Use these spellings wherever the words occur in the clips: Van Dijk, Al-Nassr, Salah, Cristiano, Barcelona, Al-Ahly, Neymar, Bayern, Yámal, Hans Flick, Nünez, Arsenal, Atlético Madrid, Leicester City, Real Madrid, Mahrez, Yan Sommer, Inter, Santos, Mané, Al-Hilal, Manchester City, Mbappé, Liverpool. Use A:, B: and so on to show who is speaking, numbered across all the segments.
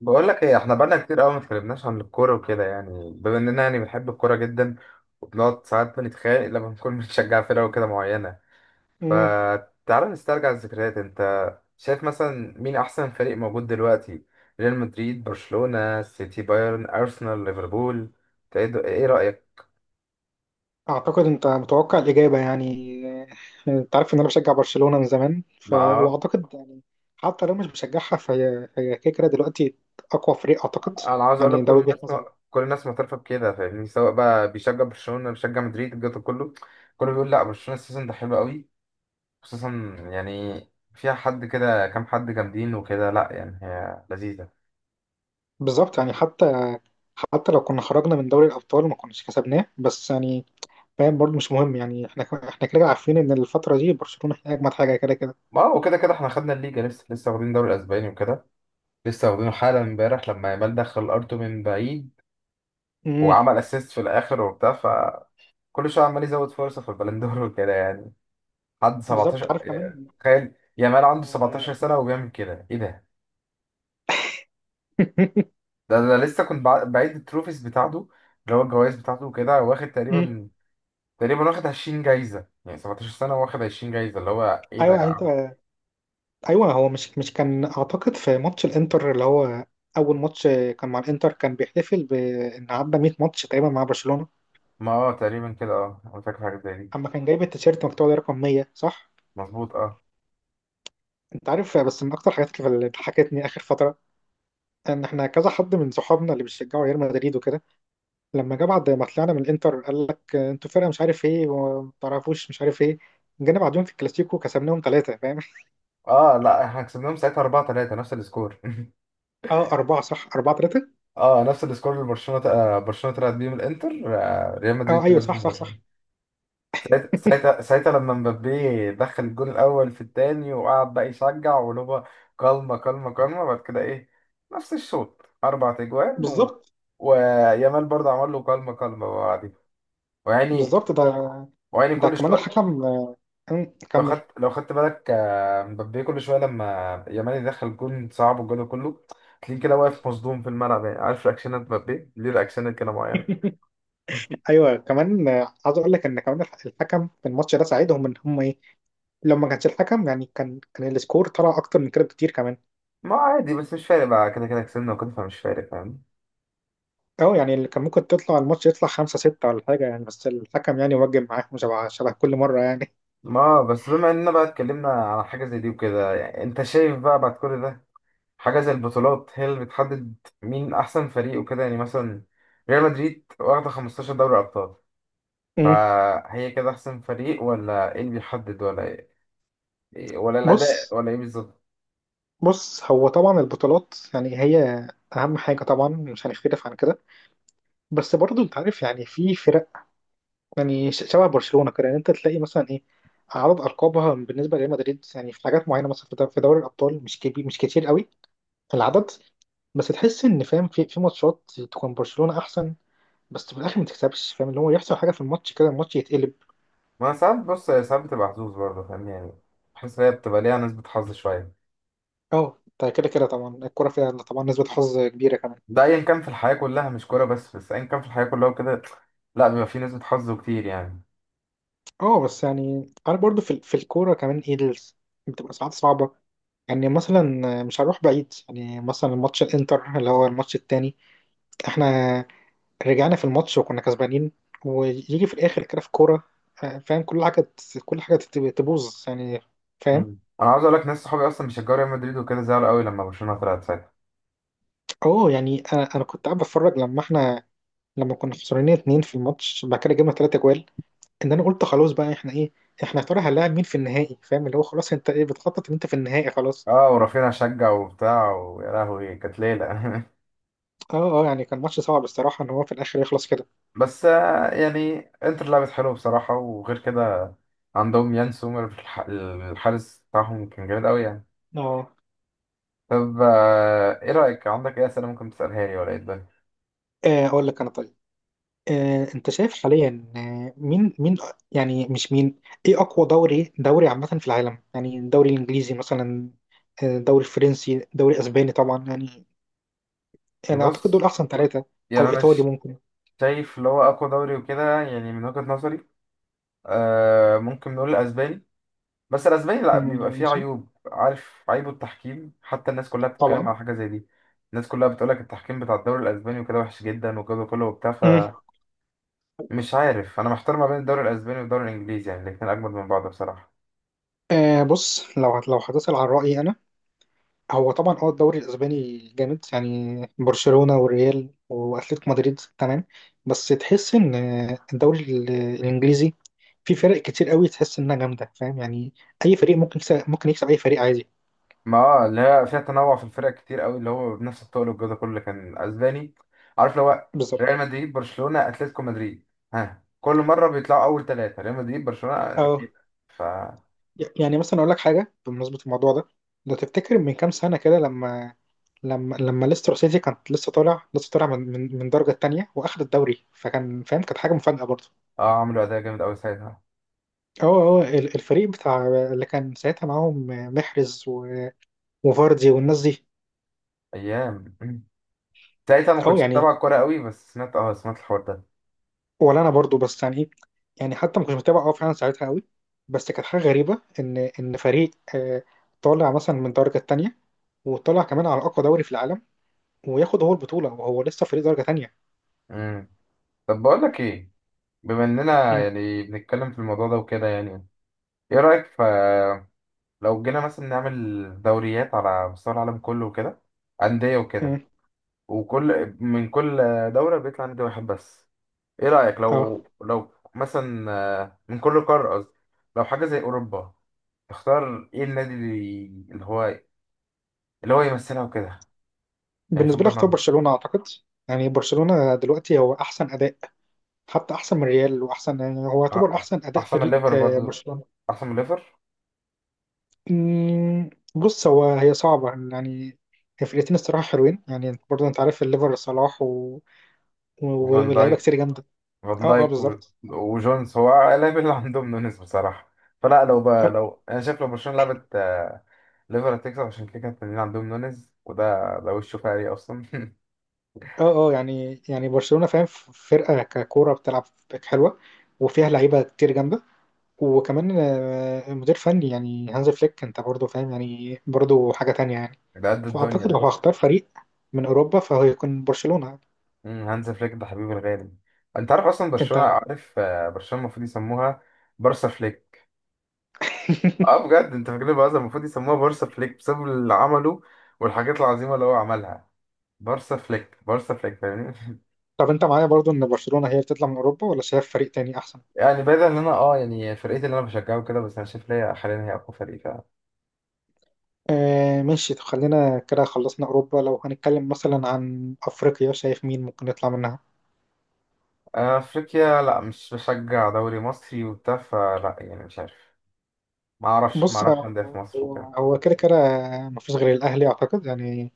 A: بقول لك ايه، احنا بقالنا كتير قوي ما اتكلمناش عن الكوره وكده. يعني بما اننا يعني بنحب الكوره جدا وبنقعد ساعات بنتخانق لما نكون بنشجع فرقه وكده معينه.
B: مم.
A: فتعالى نسترجع الذكريات. انت شايف مثلا مين احسن فريق موجود دلوقتي؟ ريال مدريد، برشلونه، سيتي، بايرن، ارسنال، ليفربول. ايه رايك؟
B: اعتقد انت متوقع الاجابه يعني. آه، انت عارف ان انا بشجع برشلونه من زمان
A: ما آه،
B: واعتقد يعني حتى لو مش بشجعها فهي كده كده دلوقتي اقوى فريق اعتقد.
A: انا عاوز اقول لك
B: يعني
A: كل
B: ده
A: الناس،
B: وجهه نظري.
A: كل الناس معترفه بكده، فاهمني؟ سواء بقى بيشجع برشلونه، بيشجع مدريد، الجو ده كله، كله بيقول لا، برشلونه السيزون ده حلو قوي. خصوصا يعني فيها حد كده، كام حد جامدين وكده. لا يعني هي لذيذة.
B: بالظبط يعني حتى لو كنا خرجنا من دوري الابطال ما كناش كسبناه بس يعني فاهم برضه مش مهم يعني احنا كده كده عارفين ان الفتره دي برشلونه هي اجمد حاجه كده كده.
A: ما هو كده كده احنا خدنا الليجا، لسه واخدين الدوري الاسباني وكده، لسه واخدينه حالا. امبارح لما يامال دخل ارتو من بعيد
B: مم.
A: وعمل اسيست في الاخر وبتاع، فكل شويه عمال يزود فرصه في البلندور وكده يعني. حد
B: بالظبط
A: 17،
B: عارف
A: يعني
B: كمان.
A: تخيل يامال عنده 17
B: آه،
A: سنه وبيعمل كده، ايه ده! ده انا لسه كنت بعيد التروفيز بتاعته، اللي هو الجوائز بتاعته وكده. واخد
B: مم.
A: تقريبا، تقريبا واخد 20 جايزه. يعني 17 سنه واخد 20 جايزه، اللي هو ايه
B: ايوه
A: ده يا
B: يعني انت.
A: عم!
B: ايوه هو مش كان اعتقد في ماتش الانتر اللي هو اول ماتش كان مع الانتر، كان بيحتفل بان عدى 100 ماتش تقريبا مع برشلونه.
A: ما اه تقريبا كده، اه انا فاكر حاجه زي دي.
B: اما كان جايب التيشيرت مكتوب عليه رقم 100، صح؟
A: مظبوط، اه.
B: انت عارف بس من اكتر الحاجات اللي ضحكتني اخر فتره ان احنا كذا حد من صحابنا اللي بيشجعوا ريال مدريد وكده لما جه بعد ما طلعنا من الانتر قال لك انتوا فرقه مش عارف ايه وما تعرفوش مش عارف ايه. جينا بعدهم في الكلاسيكو كسبناهم 3، فاهم؟
A: اه لا احنا كسبناهم ساعتها 4-3، نفس السكور
B: اه، اربعه، صح، 4-3.
A: اه نفس السكور اللي برشلونه ت- آه، برشلونه طلعت بيه من الانتر، ريال
B: اه
A: مدريد
B: ايوه،
A: طلعت بيه
B: صح
A: من
B: صح
A: برشلونه.
B: صح.
A: ساعت- ساعتها ساعتها لما مبابي دخل الجول الاول في الثاني وقعد بقى يشجع ولوبا، كلمه كلمه كلمه. بعد كده ايه، نفس الشوط اربع تجوان
B: بالظبط.
A: ويامال برضه عمل له كلمه كلمه بعدين ويعني
B: بالظبط. ده
A: ويعني
B: ده
A: كل
B: كمان
A: شويه.
B: الحكم.
A: لو
B: كمل.
A: خدت، لو خدت بالك مبابي كل شويه لما يامال يدخل جون صعب والجون كله، تلاقيه كده واقف مصدوم في الملعب. يعني عارف رياكشنات مبابي، ليه رياكشنات كده معينه.
B: ايوه كمان، عايز اقول لك ان كمان الحكم في الماتش ده ساعدهم ان هم ايه. لو ما كانش الحكم يعني كان السكور طلع اكتر من كده بكتير كمان.
A: ما هو عادي، بس مش فارق بقى، كده كده كسبنا وكده، فمش فارق فاهم؟
B: اه يعني اللي كان ممكن تطلع الماتش يطلع 5 6 ولا حاجه يعني بس الحكم يعني وجب معاهم شبه كل مره يعني.
A: ما بس بما اننا بقى اتكلمنا على حاجه زي دي وكده، يعني انت شايف بقى بعد كل ده حاجه زي البطولات هي اللي بتحدد مين احسن فريق وكده؟ يعني مثلا ريال مدريد واخده 15 دوري ابطال،
B: أم،
A: فهي كده احسن فريق؟ ولا ايه اللي بيحدد؟ ولا إيه، إيه، ولا الاداء
B: بص.
A: ولا ايه بالظبط؟
B: بص هو طبعا البطولات يعني هي اهم حاجه طبعا، مش هنختلف عن كده. بس برضه انت عارف يعني في فرق، يعني شبه برشلونة كده. يعني انت تلاقي مثلا ايه اعراض القابها بالنسبه لريال مدريد، يعني في حاجات معينه مثلا في دوري الابطال مش كبير، مش كتير قوي في العدد. بس تحس ان فاهم في ماتشات تكون برشلونه احسن، بس في الاخر ما تكسبش، فاهم؟ اللي هو يحصل حاجه في الماتش كده الماتش يتقلب.
A: ما أنا ساعات بص، هي ساعات بتبقى حظوظ برضه فاهمني. يعني بحس إن هي بتبقى ليها نسبة حظ شوية.
B: اه ده كده كده طبعا الكوره فيها طبعا نسبه حظ كبيره كمان.
A: ده أيا كان في الحياة كلها، مش كورة بس، بس أيا كان في الحياة كلها وكده، لا بيبقى فيه نسبة حظ كتير يعني.
B: اه بس يعني انا برضو في الكوره كمان ايه بتبقى ساعات صعبه. يعني مثلا مش هروح بعيد، يعني مثلا ماتش الانتر اللي هو الماتش التاني، احنا رجعنا في الماتش وكنا كسبانين ويجي في الاخر كده في كوره، فاهم كل كل تبوظ يعني. فاهم.
A: مم. أنا عاوز أقول لك ناس صحابي أصلا بيشجعوا ريال مدريد وكده، زعلوا قوي لما برشلونة طلعت ساعتها.
B: اه يعني انا كنت قاعد بتفرج لما احنا، لما كنا خسرانين 2 في الماتش بعد كده جبنا 3 جوال، ان انا قلت خلاص بقى احنا ايه، احنا يا ترى هنلاعب مين في النهائي؟ فاهم اللي هو خلاص انت ايه بتخطط ان انت في النهائي خلاص.
A: أه ورافينيا شجع وبتاع، ويا لهوي كانت ليلة
B: اه اه يعني كان ماتش صعب الصراحه ان هو في الاخر يخلص كده.
A: بس يعني انتر لعبت حلو بصراحة. وغير كده عندهم يان سومر، الحارس بتاعهم كان جامد قوي يعني.
B: اه،
A: طب ايه رأيك، عندك ايه أسئلة ممكن تسألها لي ولا ايه الدنيا؟
B: اقول لك انا طيب. انت شايف حاليا، مين؟ يعني مش مين، ايه اقوى دوري عامة في العالم، يعني الدوري الانجليزي مثلا، الدوري الفرنسي، دوري اسباني طبعا يعني. انا اعتقد دول
A: بص،
B: احسن ثلاثة.
A: يعني
B: او
A: انا
B: ايطالي
A: ش-
B: ممكن.
A: شايف اللي هو اقوى دوري وكده يعني، من وجهة نظري آه ممكن نقول الاسباني. بس الاسباني لا بيبقى
B: مم،
A: فيه
B: ماشي.
A: عيوب، عارف عيبه؟ التحكيم، حتى الناس كلها بتتكلم
B: طبعا.
A: على حاجة زي دي. الناس كلها بتقولك التحكيم بتاع الدوري الاسباني وكده وحش جدا وكده كله وبتاع.
B: مم.
A: فمش عارف، انا محتار ما بين الدوري الاسباني والدوري الانجليزي، يعني الاتنين اجمد من بعض بصراحة.
B: آه بص، لو هتسأل عن رأيي، هو طبعا اه الدوري الاسباني جامد يعني برشلونة والريال واتلتيكو مدريد تمام. بس تحس ان الدوري الانجليزي في فرق كتير قوي تحس انها جامده، فاهم يعني اي فريق ممكن يكسب، ممكن يكسب اي فريق عادي.
A: ما اه اللي هي فيها تنوع في الفرق كتير قوي، اللي هو بنفس الطول والجو ده كله. كان اسباني، عارف لو هو ريال
B: بالظبط.
A: مدريد، برشلونة، اتلتيكو مدريد، ها كل مرة بيطلعوا اول ثلاثة ريال مدريد برشلونة
B: اه
A: اكيد. ف
B: يعني مثلا اقول لك حاجه بمناسبه الموضوع ده، لو تفتكر من كام سنه كده لما، لما ليستر سيتي كانت لسه طالع من الدرجه الثانيه واخد الدوري، فكان فاهم كانت حاجه مفاجاه برضه.
A: اه عملوا اداء جامد قوي ساعتها.
B: هو الفريق بتاع اللي كان ساعتها معاهم محرز وفاردي والناس دي.
A: ايام ساعتها ما
B: اه
A: كنتش
B: يعني،
A: متابع الكورة قوي، بس سمعت، اه سمعت الحوار ده.
B: ولا انا برضو بس يعني ايه، يعني حتى ما كنتش متابع اه فعلا ساعتها قوي. بس كانت حاجه غريبه ان فريق طالع مثلا من درجه تانية وطلع كمان على اقوى دوري في العالم وياخد هو البطوله وهو لسه فريق درجه تانية.
A: امم. طب بقول لك ايه، بما اننا
B: امم.
A: يعني بنتكلم في الموضوع ده وكده يعني، ايه رأيك ف لو جينا مثلا نعمل دوريات على مستوى العالم كله وكده، أندية وكده،
B: امم.
A: وكل من كل دولة بيطلع نادي واحد بس. ايه رأيك
B: اه
A: لو مثلا من كل قارة قصدي، لو حاجة زي أوروبا، تختار ايه النادي اللي، اللي هو، اللي هو يمثلها وكده؟ يعني في
B: بالنسبه
A: وجهة
B: لي اختار
A: نظري
B: برشلونه اعتقد. يعني برشلونه دلوقتي هو احسن اداء، حتى احسن من ريال، واحسن يعني هو يعتبر
A: أح-
B: احسن اداء
A: أحسن من
B: فريق،
A: ليفر برضو،
B: برشلونه.
A: أحسن من ليفر.
B: مم، بص هو هي صعبة يعني، هي فرقتين الصراحة حلوين يعني انت برضه انت عارف الليفر صلاح
A: وفان
B: ولاعيبة
A: دايك،
B: كتير جامدة.
A: فان
B: اه اه
A: دايك و-
B: بالظبط.
A: وجونز، هو اللاعب اللي عندهم نونيز بصراحة. فلا لو بقى،
B: اه
A: لو أنا شايف لو برشلونة لعبت ليفر هتكسب، عشان كده كانت التنين عندهم نونيز، وده وشه فقري أصلا
B: اه، يعني برشلونة، فاهم فرقة ككورة بتلعب حلوة، وفيها لعيبة كتير جامدة، وكمان مدير فني يعني هانز فليك، انت برضه فاهم يعني برضه حاجة تانية يعني.
A: ده قد الدنيا
B: فأعتقد لو
A: ده.
B: هختار فريق من أوروبا فهو يكون برشلونة.
A: مم، هانز فليك ده حبيبي الغالي. انت عارف اصلا
B: انت
A: برشلونه، عارف برشلونه المفروض يسموها بارسا فليك. اه بجد، انت فاكرين بقى المفروض يسموها بارسا فليك بسبب اللي عمله والحاجات العظيمه اللي هو عملها. بارسا فليك، بارسا فليك، فاهمني
B: طب انت معايا برضه ان برشلونة هي بتطلع من أوروبا ولا شايف فريق تاني أحسن؟
A: يعني بعيد ان انا اه يعني فرقتي اللي انا بشجعه كده، بس انا شايف ليا حاليا هي اقوى فريق فعلا.
B: آه ماشي، طب خلينا كده خلصنا أوروبا. لو هنتكلم مثلا عن أفريقيا، شايف مين ممكن يطلع منها؟
A: افريقيا لا مش بشجع دوري مصري وبتاع، فلا يعني مش عارف. ما اعرفش ما
B: بص.
A: اعرفش انديه في مصر وكده.
B: هو كده كده مفيش غير الأهلي أعتقد يعني،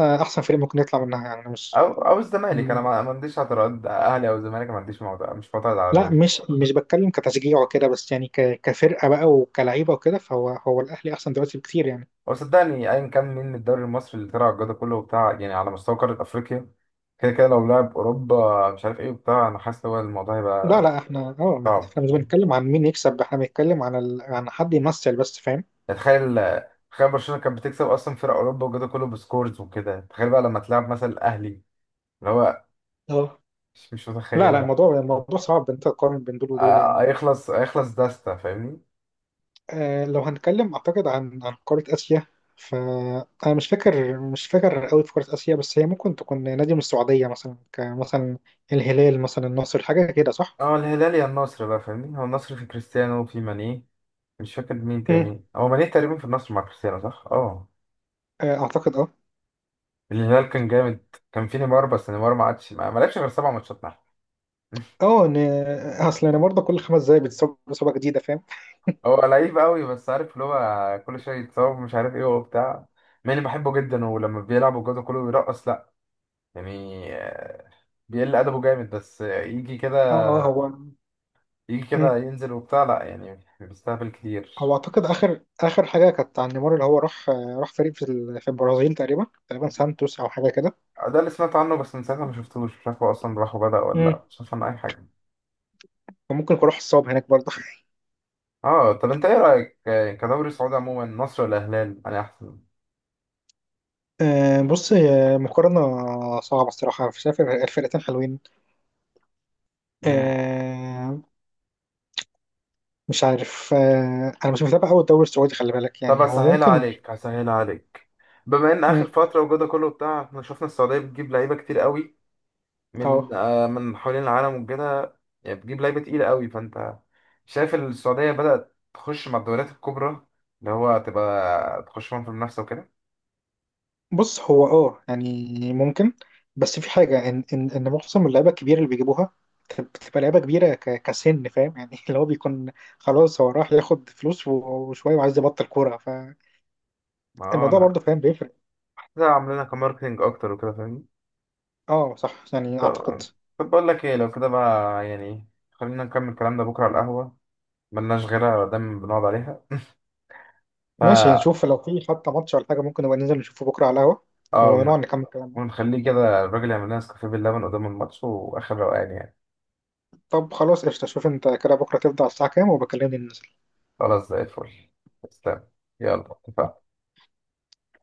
B: أحسن فريق ممكن يطلع منها يعني مش
A: او الزمالك، انا
B: م-
A: ما عنديش اعتراض، اهلي او الزمالك ما عنديش. معترض، مش معترض على
B: لا،
A: دول.
B: مش بتكلم كتشجيع وكده، بس يعني كفرقة بقى وكلعيبة وكده، فهو الأهلي أحسن دلوقتي بكتير يعني.
A: هو صدقني ايا كان مين من الدوري المصري اللي طلع الجدول كله وبتاع، يعني على مستوى قاره افريقيا كده كده، لو لعب اوروبا مش عارف ايه وبتاع، انا حاسس هو الموضوع
B: لا
A: هيبقى
B: لا احنا اه
A: صعب.
B: احنا مش بنتكلم عن مين يكسب، احنا بنتكلم عن عن حد يمثل بس، فاهم.
A: يعني تخيل، تخيل برشلونه كانت بتكسب اصلا فرق اوروبا والجدول كله بسكورز وكده، تخيل بقى لما تلعب مثلا الاهلي اللي هو،
B: اه
A: مش
B: لا لا
A: متخيلها.
B: الموضوع صعب إن انت تقارن بين دول ودول
A: آه،
B: يعني.
A: هيخلص هيخلص داستا فاهمني.
B: لو هنتكلم أعتقد عن قارة آسيا، فأنا مش فاكر قوي في قارة آسيا، بس هي ممكن تكون نادي من السعودية مثلا، كمثلا الهلال مثلا، النصر، حاجة كده، صح؟
A: اه الهلال يا النصر بقى، فاهمني؟ هو النصر في كريستيانو وفي ماني، مش فاكر مين
B: مم.
A: تاني، هو ماني تقريبا في النصر مع كريستيانو، صح اه.
B: أعتقد أه
A: الهلال كان جامد، كان في نيمار، بس نيمار ما عادش، ما لعبش غير 7 ماتشات معاه
B: أه إن أصل أنا برضه كل 5 دقايق بتصاب إصابة جديدة، فاهم؟
A: هو لعيب قوي، بس عارف اللي هو كل شويه يتصاب مش عارف ايه وبتاع. ماني بحبه جدا، ولما بيلعب الجو كله بيرقص، لا يعني بيقل ادبه جامد. بس يجي كده،
B: أه أه.
A: يجي
B: مم.
A: كده ينزل وبتاع، لا يعني بيستهبل
B: هو
A: كتير.
B: أعتقد آخر حاجة كانت عن نيمار اللي هو راح، راح فريق في البرازيل، تقريبا سانتوس أو حاجة كده.
A: ده اللي سمعت عنه، بس من ساعتها ما شفتوش، مش عارف هو اصلا راح وبدأ ولا
B: مم.
A: لا، مش عارف عنه اي حاجه.
B: فممكن يكون راح الصاب هناك برضه.
A: اه طب انت ايه رايك كدوري سعودي عموما، مصر ولا الهلال انا احسن؟
B: بص هي مقارنة صعبة الصراحة، شايف الفرقتين حلوين.
A: مم.
B: آه، مش عارف، أنا مش متابع أوي الدوري السعودي، خلي بالك
A: طب
B: يعني هو
A: هسهلها
B: ممكن.
A: عليك، هسهلها عليك. بما ان
B: مم،
A: اخر فتره وجوده كله بتاع، احنا شفنا السعوديه بتجيب لعيبه كتير قوي من
B: اه
A: من حوالين العالم وكده. يعني بتجيب لعيبه تقيله قوي. فانت شايف السعوديه بدات تخش مع الدوريات الكبرى، اللي هو تبقى تخش معاهم في المنافسه وكده؟
B: بص هو يعني ممكن، بس في حاجة إن إن معظم اللعيبة الكبيرة اللي بيجيبوها بتبقى لعيبة كبيرة كسن، فاهم يعني اللي هو بيكون خلاص هو راح ياخد فلوس وشوية وعايز يبطل كورة، فالموضوع
A: ما هو انا
B: برضه فاهم بيفرق.
A: كده عاملينها كماركتنج اكتر وكده، فاهمني.
B: اه صح يعني أعتقد.
A: طب طب بقول لك ايه، لو كده بقى يعني خلينا نكمل كلامنا بكره على القهوه. ملناش غيرها، دايما بنقعد عليها.
B: ماشي،
A: فا
B: نشوف لو في حتى ماتش ولا حاجة ممكن نبقى ننزل نشوفه بكرة على القهوة
A: اه
B: ونقعد نكمل كلامنا.
A: ونخليه كده، الراجل يعمل لنا نسكافيه باللبن قدام الماتش واخر روقان يعني.
B: طب خلاص قشطة، شوف انت كده بكرة تبدأ على الساعة كام وبكلمني ننزل.
A: خلاص زي الفل. تسلم. يلا اتفقنا.